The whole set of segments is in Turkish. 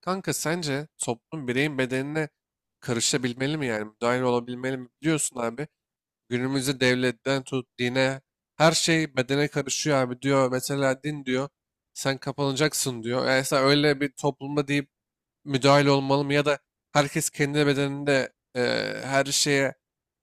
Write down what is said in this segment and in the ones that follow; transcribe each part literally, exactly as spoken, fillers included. Kanka sence toplum bireyin bedenine karışabilmeli mi, yani müdahil olabilmeli mi? Biliyorsun abi, günümüzde devletten tut dine her şey bedene karışıyor abi diyor. Mesela din diyor sen kapanacaksın diyor. Yani mesela öyle bir toplumda deyip müdahil olmalı mı, ya da herkes kendi bedeninde, e, her şeye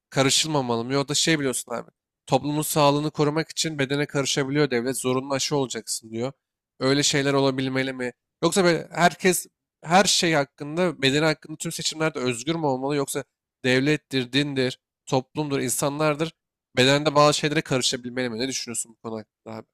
karışılmamalı mı? Yok da şey, biliyorsun abi. Toplumun sağlığını korumak için bedene karışabiliyor devlet. Zorunlu aşı olacaksın diyor. Öyle şeyler olabilmeli mi? Yoksa böyle herkes her şey hakkında, bedeni hakkında tüm seçimlerde özgür mü olmalı? Yoksa devlettir, dindir, toplumdur, insanlardır. Bedende bazı şeylere karışabilmeli mi? Ne düşünüyorsun bu konu hakkında abi?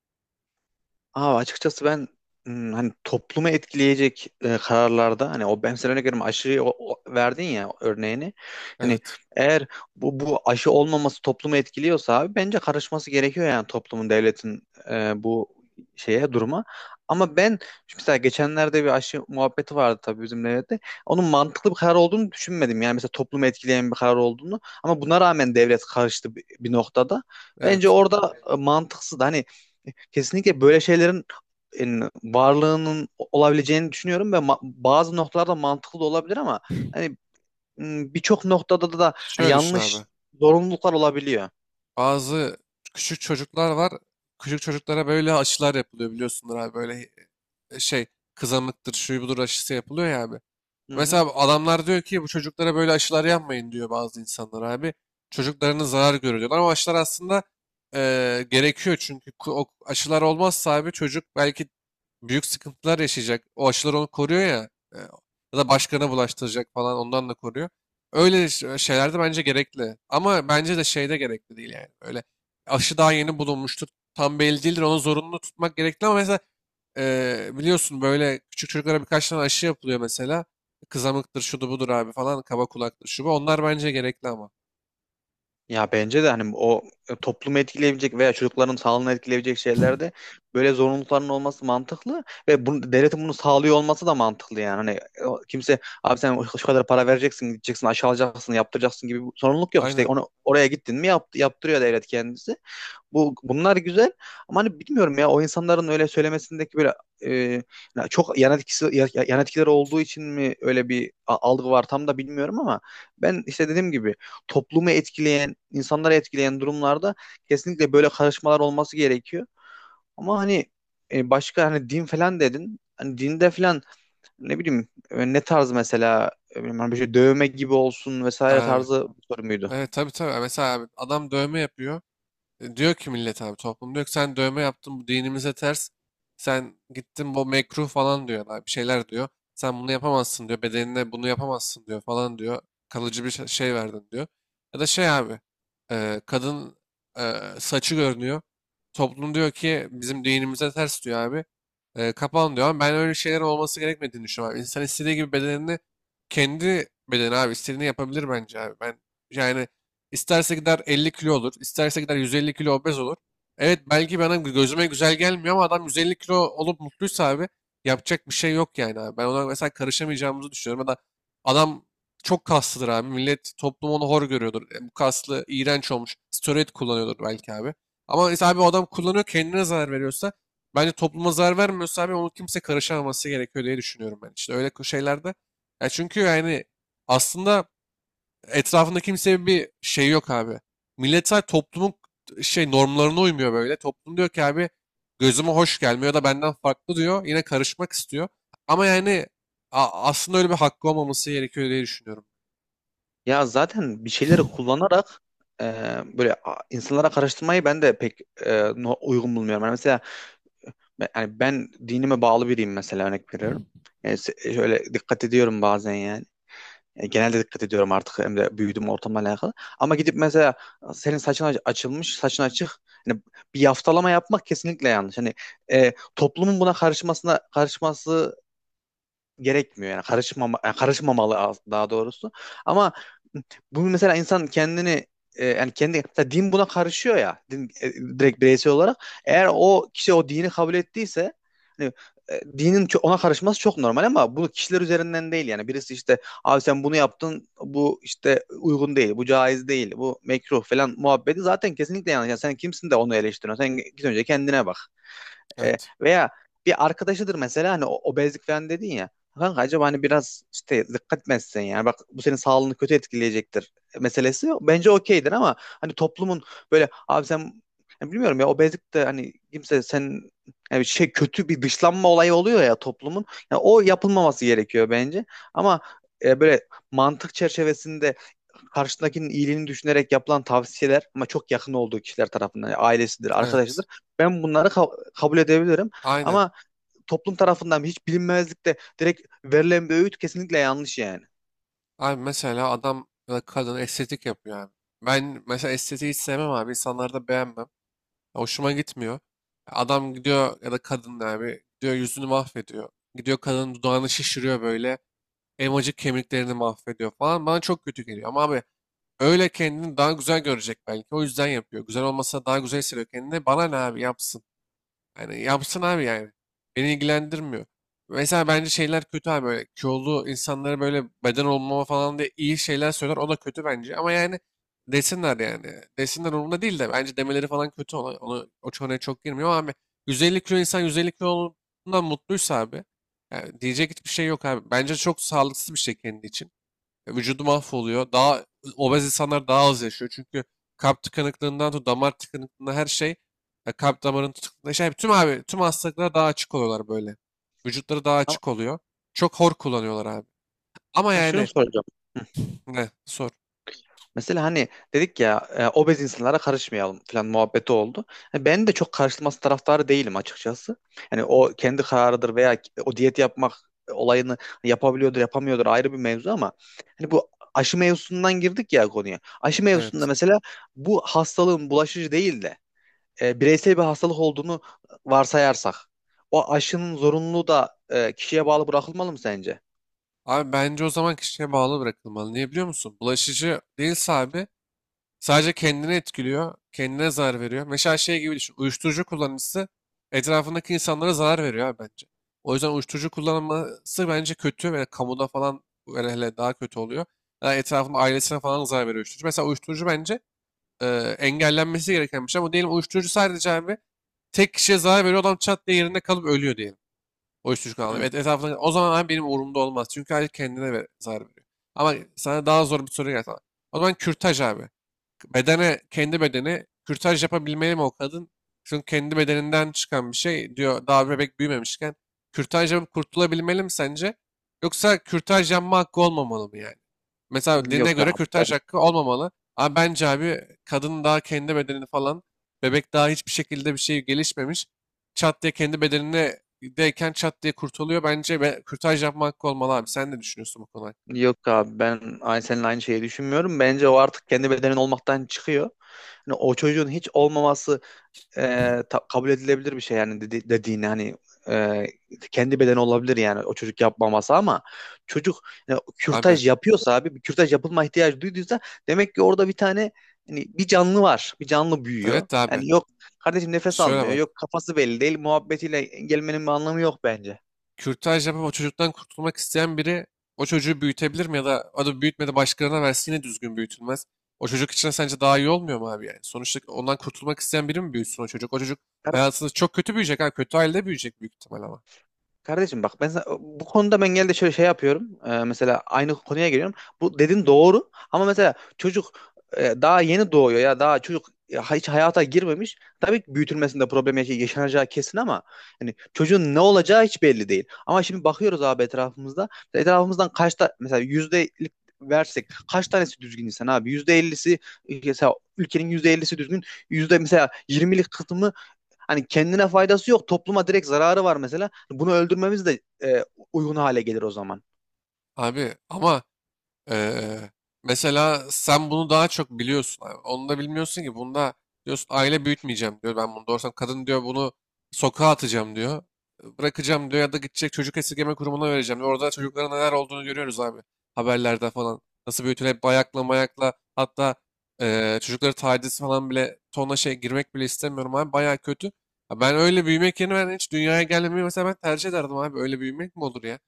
Abi açıkçası ben hmm, hani toplumu etkileyecek e, kararlarda hani o ben sen örnek veriyorum aşıyı o- o- verdin ya örneğini. Hani Evet. eğer bu bu aşı olmaması toplumu etkiliyorsa abi bence karışması gerekiyor yani toplumun devletin e, bu şeye duruma. Ama ben mesela geçenlerde bir aşı muhabbeti vardı tabii bizim devlette. Onun mantıklı bir karar olduğunu düşünmedim. Yani mesela toplumu etkileyen bir karar olduğunu. Ama buna rağmen devlet karıştı bir, bir noktada. Bence Evet. orada e, mantıksız. Hani kesinlikle böyle şeylerin en, varlığının olabileceğini düşünüyorum ve ma- bazı noktalarda mantıklı da olabilir ama hani m, birçok noktada da da hani Şöyle düşün yanlış abi. zorunluluklar olabiliyor. Bazı küçük çocuklar var. Küçük çocuklara böyle aşılar yapılıyor, biliyorsunuz abi. Böyle e, şey, kızamıktır, şu budur aşısı yapılıyor ya abi. Hı hı. Mesela adamlar diyor ki bu çocuklara böyle aşılar yapmayın diyor bazı insanlar abi. Çocuklarının zarar görüyor diyorlar ama aşılar aslında eee, gerekiyor, çünkü ku- o aşılar olmazsa abi çocuk belki büyük sıkıntılar yaşayacak. O aşılar onu koruyor ya, e, ya da başkana bulaştıracak falan, ondan da koruyor. Öyle ş- şeyler de bence gerekli ama bence de şeyde gerekli değil yani. Öyle aşı daha yeni bulunmuştur, tam belli değildir, onu zorunlu tutmak gerekli, ama mesela Eee, biliyorsun böyle küçük çocuklara birkaç tane aşı yapılıyor mesela. Kızamıktır, şudur budur abi falan, kaba kulaktır, şu bu. Onlar bence gerekli ama. Ya bence de hani o e, toplumu etkileyebilecek veya çocukların sağlığını etkileyebilecek şeylerde böyle zorunlulukların olması mantıklı ve bunu, devletin bunu sağlıyor olması da mantıklı yani. Hani o- kimse abi sen şu kadar para vereceksin, gideceksin, aşağılayacaksın, yaptıracaksın gibi bir sorumluluk yok. İşte Aynen. onu oraya gittin mi yap, yaptırıyor devlet kendisi. Bu bunlar güzel ama hani bilmiyorum ya o insanların öyle söylemesindeki böyle e, ya çok yan etkisi ya- ya- yan etkileri olduğu için mi öyle bir a- algı var tam da bilmiyorum ama ben işte dediğim gibi toplumu etkileyen, insanları etkileyen durumlarda kesinlikle böyle karışmalar olması gerekiyor. Ama hani e, başka hani din falan dedin. Hani dinde falan ne bileyim e, ne tarz mesela e, bilmiyorum, hani bir şey dövme gibi olsun vesaire Abi. tarzı bir soru muydu? Evet, tabii tabii. Mesela abi, adam dövme yapıyor. E, Diyor ki millet abi, toplum diyor ki sen dövme yaptın, bu dinimize ters. Sen gittin bu mekruh falan diyor abi, bir şeyler diyor. Sen bunu yapamazsın diyor, bedenine bunu yapamazsın diyor falan diyor. Kalıcı bir şey şey verdin diyor. Ya da şey abi, e, kadın, e, saçı görünüyor. Toplum diyor ki bizim dinimize ters diyor abi. E, kapan diyor, ama ben öyle şeyler olması gerekmediğini düşünüyorum abi. İnsan istediği gibi bedenini, kendi bedeni abi, istediğini yapabilir bence abi. Ben yani. İsterse gider elli kilo olur. isterse gider yüz elli kilo obez olur. Evet, belki bana gözüme güzel gelmiyor ama adam yüz elli kilo olup mutluysa abi, yapacak bir şey yok yani abi. Ben ona mesela karışamayacağımızı düşünüyorum. Ya da adam çok kaslıdır abi. Millet, toplum onu hor görüyordur. E, bu kaslı iğrenç olmuş. Steroid kullanıyordur belki abi. Ama mesela abi, o adam kullanıyor, kendine zarar veriyorsa, bence topluma zarar vermiyorsa abi, onu kimse karışamaması gerekiyor diye düşünüyorum ben. İşte öyle şeylerde. Ya çünkü yani, aslında etrafında kimsenin bir şey yok abi. Milletler toplumun şey normlarına uymuyor böyle. Toplum diyor ki abi, gözüme hoş gelmiyor da benden farklı diyor. Yine karışmak istiyor. Ama yani a- aslında öyle bir hakkı olmaması gerekiyor diye düşünüyorum. Ya zaten bir şeyleri kullanarak e, böyle a- insanlara karıştırmayı ben de pek e, no- uygun bulmuyorum. Yani mesela ben, yani ben dinime bağlı biriyim mesela örnek veriyorum. Yani se- şöyle dikkat ediyorum bazen yani. E, genelde dikkat ediyorum artık hem de büyüdüğüm ortamla alakalı. Ama gidip mesela senin saçın aç- açılmış, saçın açık. Yani bir yaftalama yapmak kesinlikle yanlış. Hani e, toplumun buna karışmasına karışması gerekmiyor yani karışmama yani karışmamalı az- daha doğrusu. Ama bu mesela insan kendini e, yani kendi mesela din buna karışıyor ya din e, direkt bireysel olarak eğer o kişi o dini kabul ettiyse hani e, dinin ço- ona karışması çok normal ama bu kişiler üzerinden değil yani birisi işte abi sen bunu yaptın bu işte uygun değil bu caiz değil bu mekruh falan muhabbeti zaten kesinlikle yanlış. Yani sen kimsin de onu eleştiriyorsun sen git önce kendine bak. E, Evet. Veya bir arkadaşıdır mesela hani o- obezlik falan dedin ya. Kanka acaba hani biraz işte dikkat mi etsen yani bak bu senin sağlığını kötü etkileyecektir meselesi bence okeydir ama hani toplumun böyle abi sen yani bilmiyorum ya obezlik de hani kimse sen yani şey kötü bir dışlanma olayı oluyor ya toplumun. Yani o yapılmaması gerekiyor bence ama e, böyle mantık çerçevesinde karşıdakinin iyiliğini düşünerek yapılan tavsiyeler ama çok yakın olduğu kişiler tarafından yani ailesidir, Evet. arkadaşıdır. Ben bunları ka- kabul edebilirim Aynen. ama toplum tarafından hiç bilinmezlikte direkt verilen bir öğüt kesinlikle yanlış yani. Abi mesela adam ya da kadın estetik yapıyor abi. Ben mesela estetiği hiç sevmem abi. İnsanları da beğenmem. Hoşuma gitmiyor. Adam gidiyor ya da kadın abi, gidiyor yüzünü mahvediyor. Gidiyor kadının dudağını şişiriyor böyle. Elmacık kemiklerini mahvediyor falan. Bana çok kötü geliyor. Ama abi, öyle kendini daha güzel görecek belki. O yüzden yapıyor. Güzel olmasa daha güzel hissediyor kendini. Bana ne abi, yapsın. Yani yapsın abi yani. Beni ilgilendirmiyor. Mesela bence şeyler kötü abi, böyle kilolu insanlara böyle beden olmama falan diye iyi şeyler söyler, o da kötü bence, ama yani desinler yani. Desinler, umurumda değil, de bence demeleri falan kötü, ona, onu o konuya çok girmiyor, ama abi yüz elli kilo insan yüz elli kilo olduğundan mutluysa abi, yani diyecek hiçbir şey yok abi. Bence çok sağlıksız bir şey kendi için. Vücudu mahvoluyor. Daha obez insanlar daha az yaşıyor. Çünkü kalp tıkanıklığından tut damar tıkanıklığına her şey, ya kalp damarının tıkanıklığına şey, tüm abi tüm hastalıklara daha açık oluyorlar böyle. Vücutları daha açık oluyor. Çok hor kullanıyorlar abi. Ama Ama şunu yani. soracağım. Ne sor. Mesela hani dedik ya e, obez insanlara karışmayalım falan muhabbeti oldu. Yani ben de çok karışılması taraftarı değilim açıkçası. Yani o kendi kararıdır veya o diyet yapmak olayını yapabiliyordur yapamıyordur ayrı bir mevzu ama hani bu aşı mevzusundan girdik ya konuya. Aşı mevzusunda Evet. mesela bu hastalığın bulaşıcı değil de e, bireysel bir hastalık olduğunu varsayarsak o aşının zorunluluğu da e, kişiye bağlı bırakılmalı mı sence? Abi bence o zaman kişiye bağlı bırakılmalı. Niye biliyor musun? Bulaşıcı değilse abi, sadece kendini etkiliyor, kendine zarar veriyor. Mesela şey gibi düşün, uyuşturucu kullanıcısı etrafındaki insanlara zarar veriyor abi bence. O yüzden uyuşturucu kullanması bence kötü, ve kamuda falan hele hele daha kötü oluyor. Yani etrafında, ailesine falan zarar veriyor uyuşturucu. Mesela uyuşturucu bence e, engellenmesi gereken bir şey, ama diyelim uyuşturucu sadece abi tek kişiye zarar veriyor, adam çat diye yerinde kalıp ölüyor diyelim. Uyuşturucu kullanıyor. Hı. Et, etrafında, o zaman abi benim umurumda olmaz, çünkü aile kendine ver, zarar veriyor. Ama sana daha zor bir soru geldi. O zaman kürtaj abi, bedene, kendi bedeni kürtaj yapabilmeli mi o kadın? Çünkü kendi bedeninden çıkan bir şey diyor, daha bebek büyümemişken. Kürtaj yapıp kurtulabilmeli mi sence? Yoksa kürtaj yapma hakkı olmamalı mı yani? Mesela Yok dine göre abi. kürtaj hakkı olmamalı. Ama bence abi kadın daha kendi bedenini falan, bebek daha hiçbir şekilde bir şey gelişmemiş. Çat diye kendi bedenine deyken çat diye kurtuluyor. Bence be, kürtaj yapma hakkı olmalı abi. Sen ne düşünüyorsun bu konu hakkında? Yok abi ben aynı seninle aynı şeyi düşünmüyorum. Bence o artık kendi bedenin olmaktan çıkıyor. Hani o çocuğun hiç olmaması e, ta- kabul edilebilir bir şey yani dedi dediğini hani e, kendi bedeni olabilir yani o çocuk yapmaması ama çocuk e, Abi kürtaj yapıyorsa abi bir kürtaj yapılma ihtiyacı duyduysa demek ki orada bir tane hani bir canlı var. Bir canlı büyüyor. evet de abi. Yani yok kardeşim nefes Şöyle almıyor. bak. Yok kafası belli değil. Muhabbetiyle gelmenin bir anlamı yok bence. Kürtaj yapıp o çocuktan kurtulmak isteyen biri, o çocuğu büyütebilir mi, ya da o da büyütmedi başkalarına versin, yine düzgün büyütülmez. O çocuk için sence daha iyi olmuyor mu abi yani? Sonuçta ondan kurtulmak isteyen biri mi büyütsün o çocuk? O çocuk hayatında çok kötü büyüyecek abi. Kötü ailede büyüyecek büyük ihtimal ama. Kardeşim bak ben sana- bu konuda ben genelde şöyle şey yapıyorum. Ee, mesela aynı konuya geliyorum. Bu dedin doğru ama mesela çocuk e, daha yeni doğuyor ya daha çocuk e, hiç hayata girmemiş. Tabii ki büyütülmesinde problem yaş- yaşanacağı kesin ama hani çocuğun ne olacağı hiç belli değil. Ama şimdi bakıyoruz abi etrafımızda. Etrafımızdan kaçta mesela yüzdelik versek kaç tanesi düzgün insan abi? Yüzde ellisi mesela ülkenin yüzde ellisi düzgün. Yüzde mesela yirmilik kısmı, hani kendine faydası yok. Topluma direkt zararı var mesela. Bunu öldürmemiz de e, uygun hale gelir o zaman. Abi ama, Ee, mesela sen bunu daha çok biliyorsun. Abi. Onu da bilmiyorsun ki. Bunda diyorsun aile büyütmeyeceğim diyor. Ben bunu doğursam kadın diyor, bunu sokağa atacağım diyor. Bırakacağım diyor, ya da gidecek çocuk esirgeme kurumuna vereceğim diyor. Orada çocukların neler olduğunu görüyoruz abi. Haberlerde falan. Nasıl büyütülüp bayakla mayakla, hatta eee çocukları taciz falan bile, tonla şey, girmek bile istemiyorum abi. Bayağı kötü. Ya, ben öyle büyümek yerine ben hiç dünyaya gelmemeyi mesela ben tercih ederdim abi. Öyle büyümek mi olur ya?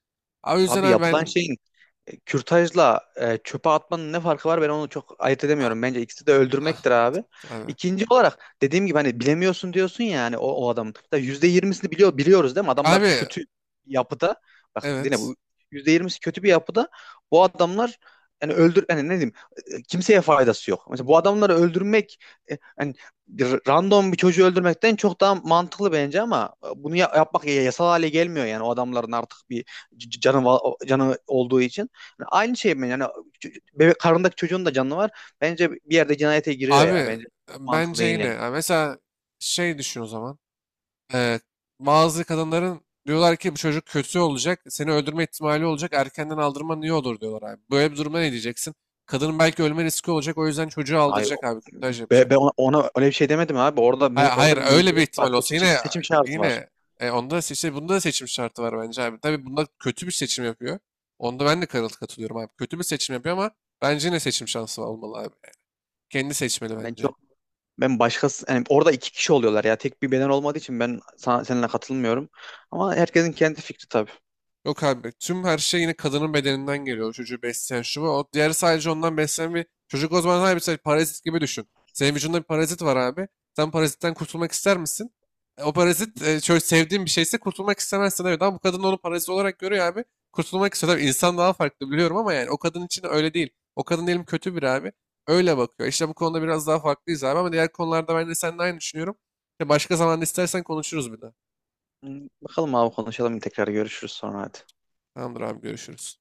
Abi o yüzden Abi abi yapılan ben... şeyin, E, kürtajla e, çöpe atmanın ne farkı var, ben onu çok ayırt Ah, edemiyorum. Bence ikisi de ah, öldürmektir abi. abi. İkinci olarak dediğim gibi hani bilemiyorsun diyorsun ya hani o, o adamın da yüzde yirmisini biliyor, biliyoruz değil mi? Adamlar Abi kötü yapıda. Bak yine evet. bu yüzde yirmisi kötü bir yapıda. Bu adamlar yani öldür yani ne diyeyim e, kimseye faydası yok. Mesela bu adamları öldürmek e, hani bir random bir çocuğu öldürmekten çok daha mantıklı bence ama e, bunu ya- yapmak ya- yasal hale gelmiyor yani o adamların artık bir c- canı va- canı olduğu için. Aynı şey mi? Yani ç- bebek karnındaki çocuğun da canı var. Bence bir yerde cinayete giriyor ya. Abi Bence mantıklı bence değil yine. yani. Yani mesela şey düşün o zaman. Ee, Bazı kadınların diyorlar ki bu çocuk kötü olacak. Seni öldürme ihtimali olacak. Erkenden aldırman iyi olur diyorlar abi. Böyle bir duruma ne diyeceksin? Kadının belki ölme riski olacak. O yüzden çocuğu Ay aldıracak abi. Kürtaj be- yapacak. be ona, ona öyle bir şey demedim abi. Orada Hayır, me- hayır, orada bir öyle bir mecburiyet var. ihtimal olsa Seçim yine, seçim, seçim şarjı var. yine e, onda da seçim, bunda da seçim şartı var bence abi. Tabii bunda kötü bir seçim yapıyor. Onda ben de karıl katılıyorum abi. Kötü bir seçim yapıyor, ama bence yine seçim şansı olmalı abi. Kendi seçmeli Ben bence. çok ben başkası yani orada iki kişi oluyorlar ya. Tek bir beden olmadığı için ben sana, seninle katılmıyorum. Ama herkesin kendi fikri tabii. Yok abi, tüm her şey yine kadının bedeninden geliyor. O çocuğu besleyen şu bu. O diğeri sadece ondan beslenen bir çocuk, o zaman abi sen parazit gibi düşün. Senin vücudunda bir parazit var abi. Sen parazitten kurtulmak ister misin? E, O parazit e, çok sevdiğin bir şeyse kurtulmak istemezsin, evet, ama bu kadın onu parazit olarak görüyor abi. Kurtulmak istiyor. Tabii insan daha farklı, biliyorum, ama yani o kadın için öyle değil. O kadın diyelim kötü bir abi. Öyle bakıyor. İşte bu konuda biraz daha farklıyız abi, ama diğer konularda ben de seninle aynı düşünüyorum. Ya, başka zaman istersen konuşuruz bir de. Hmm, Bakalım abi konuşalım, tekrar görüşürüz sonra, hadi. Tamamdır abi, görüşürüz.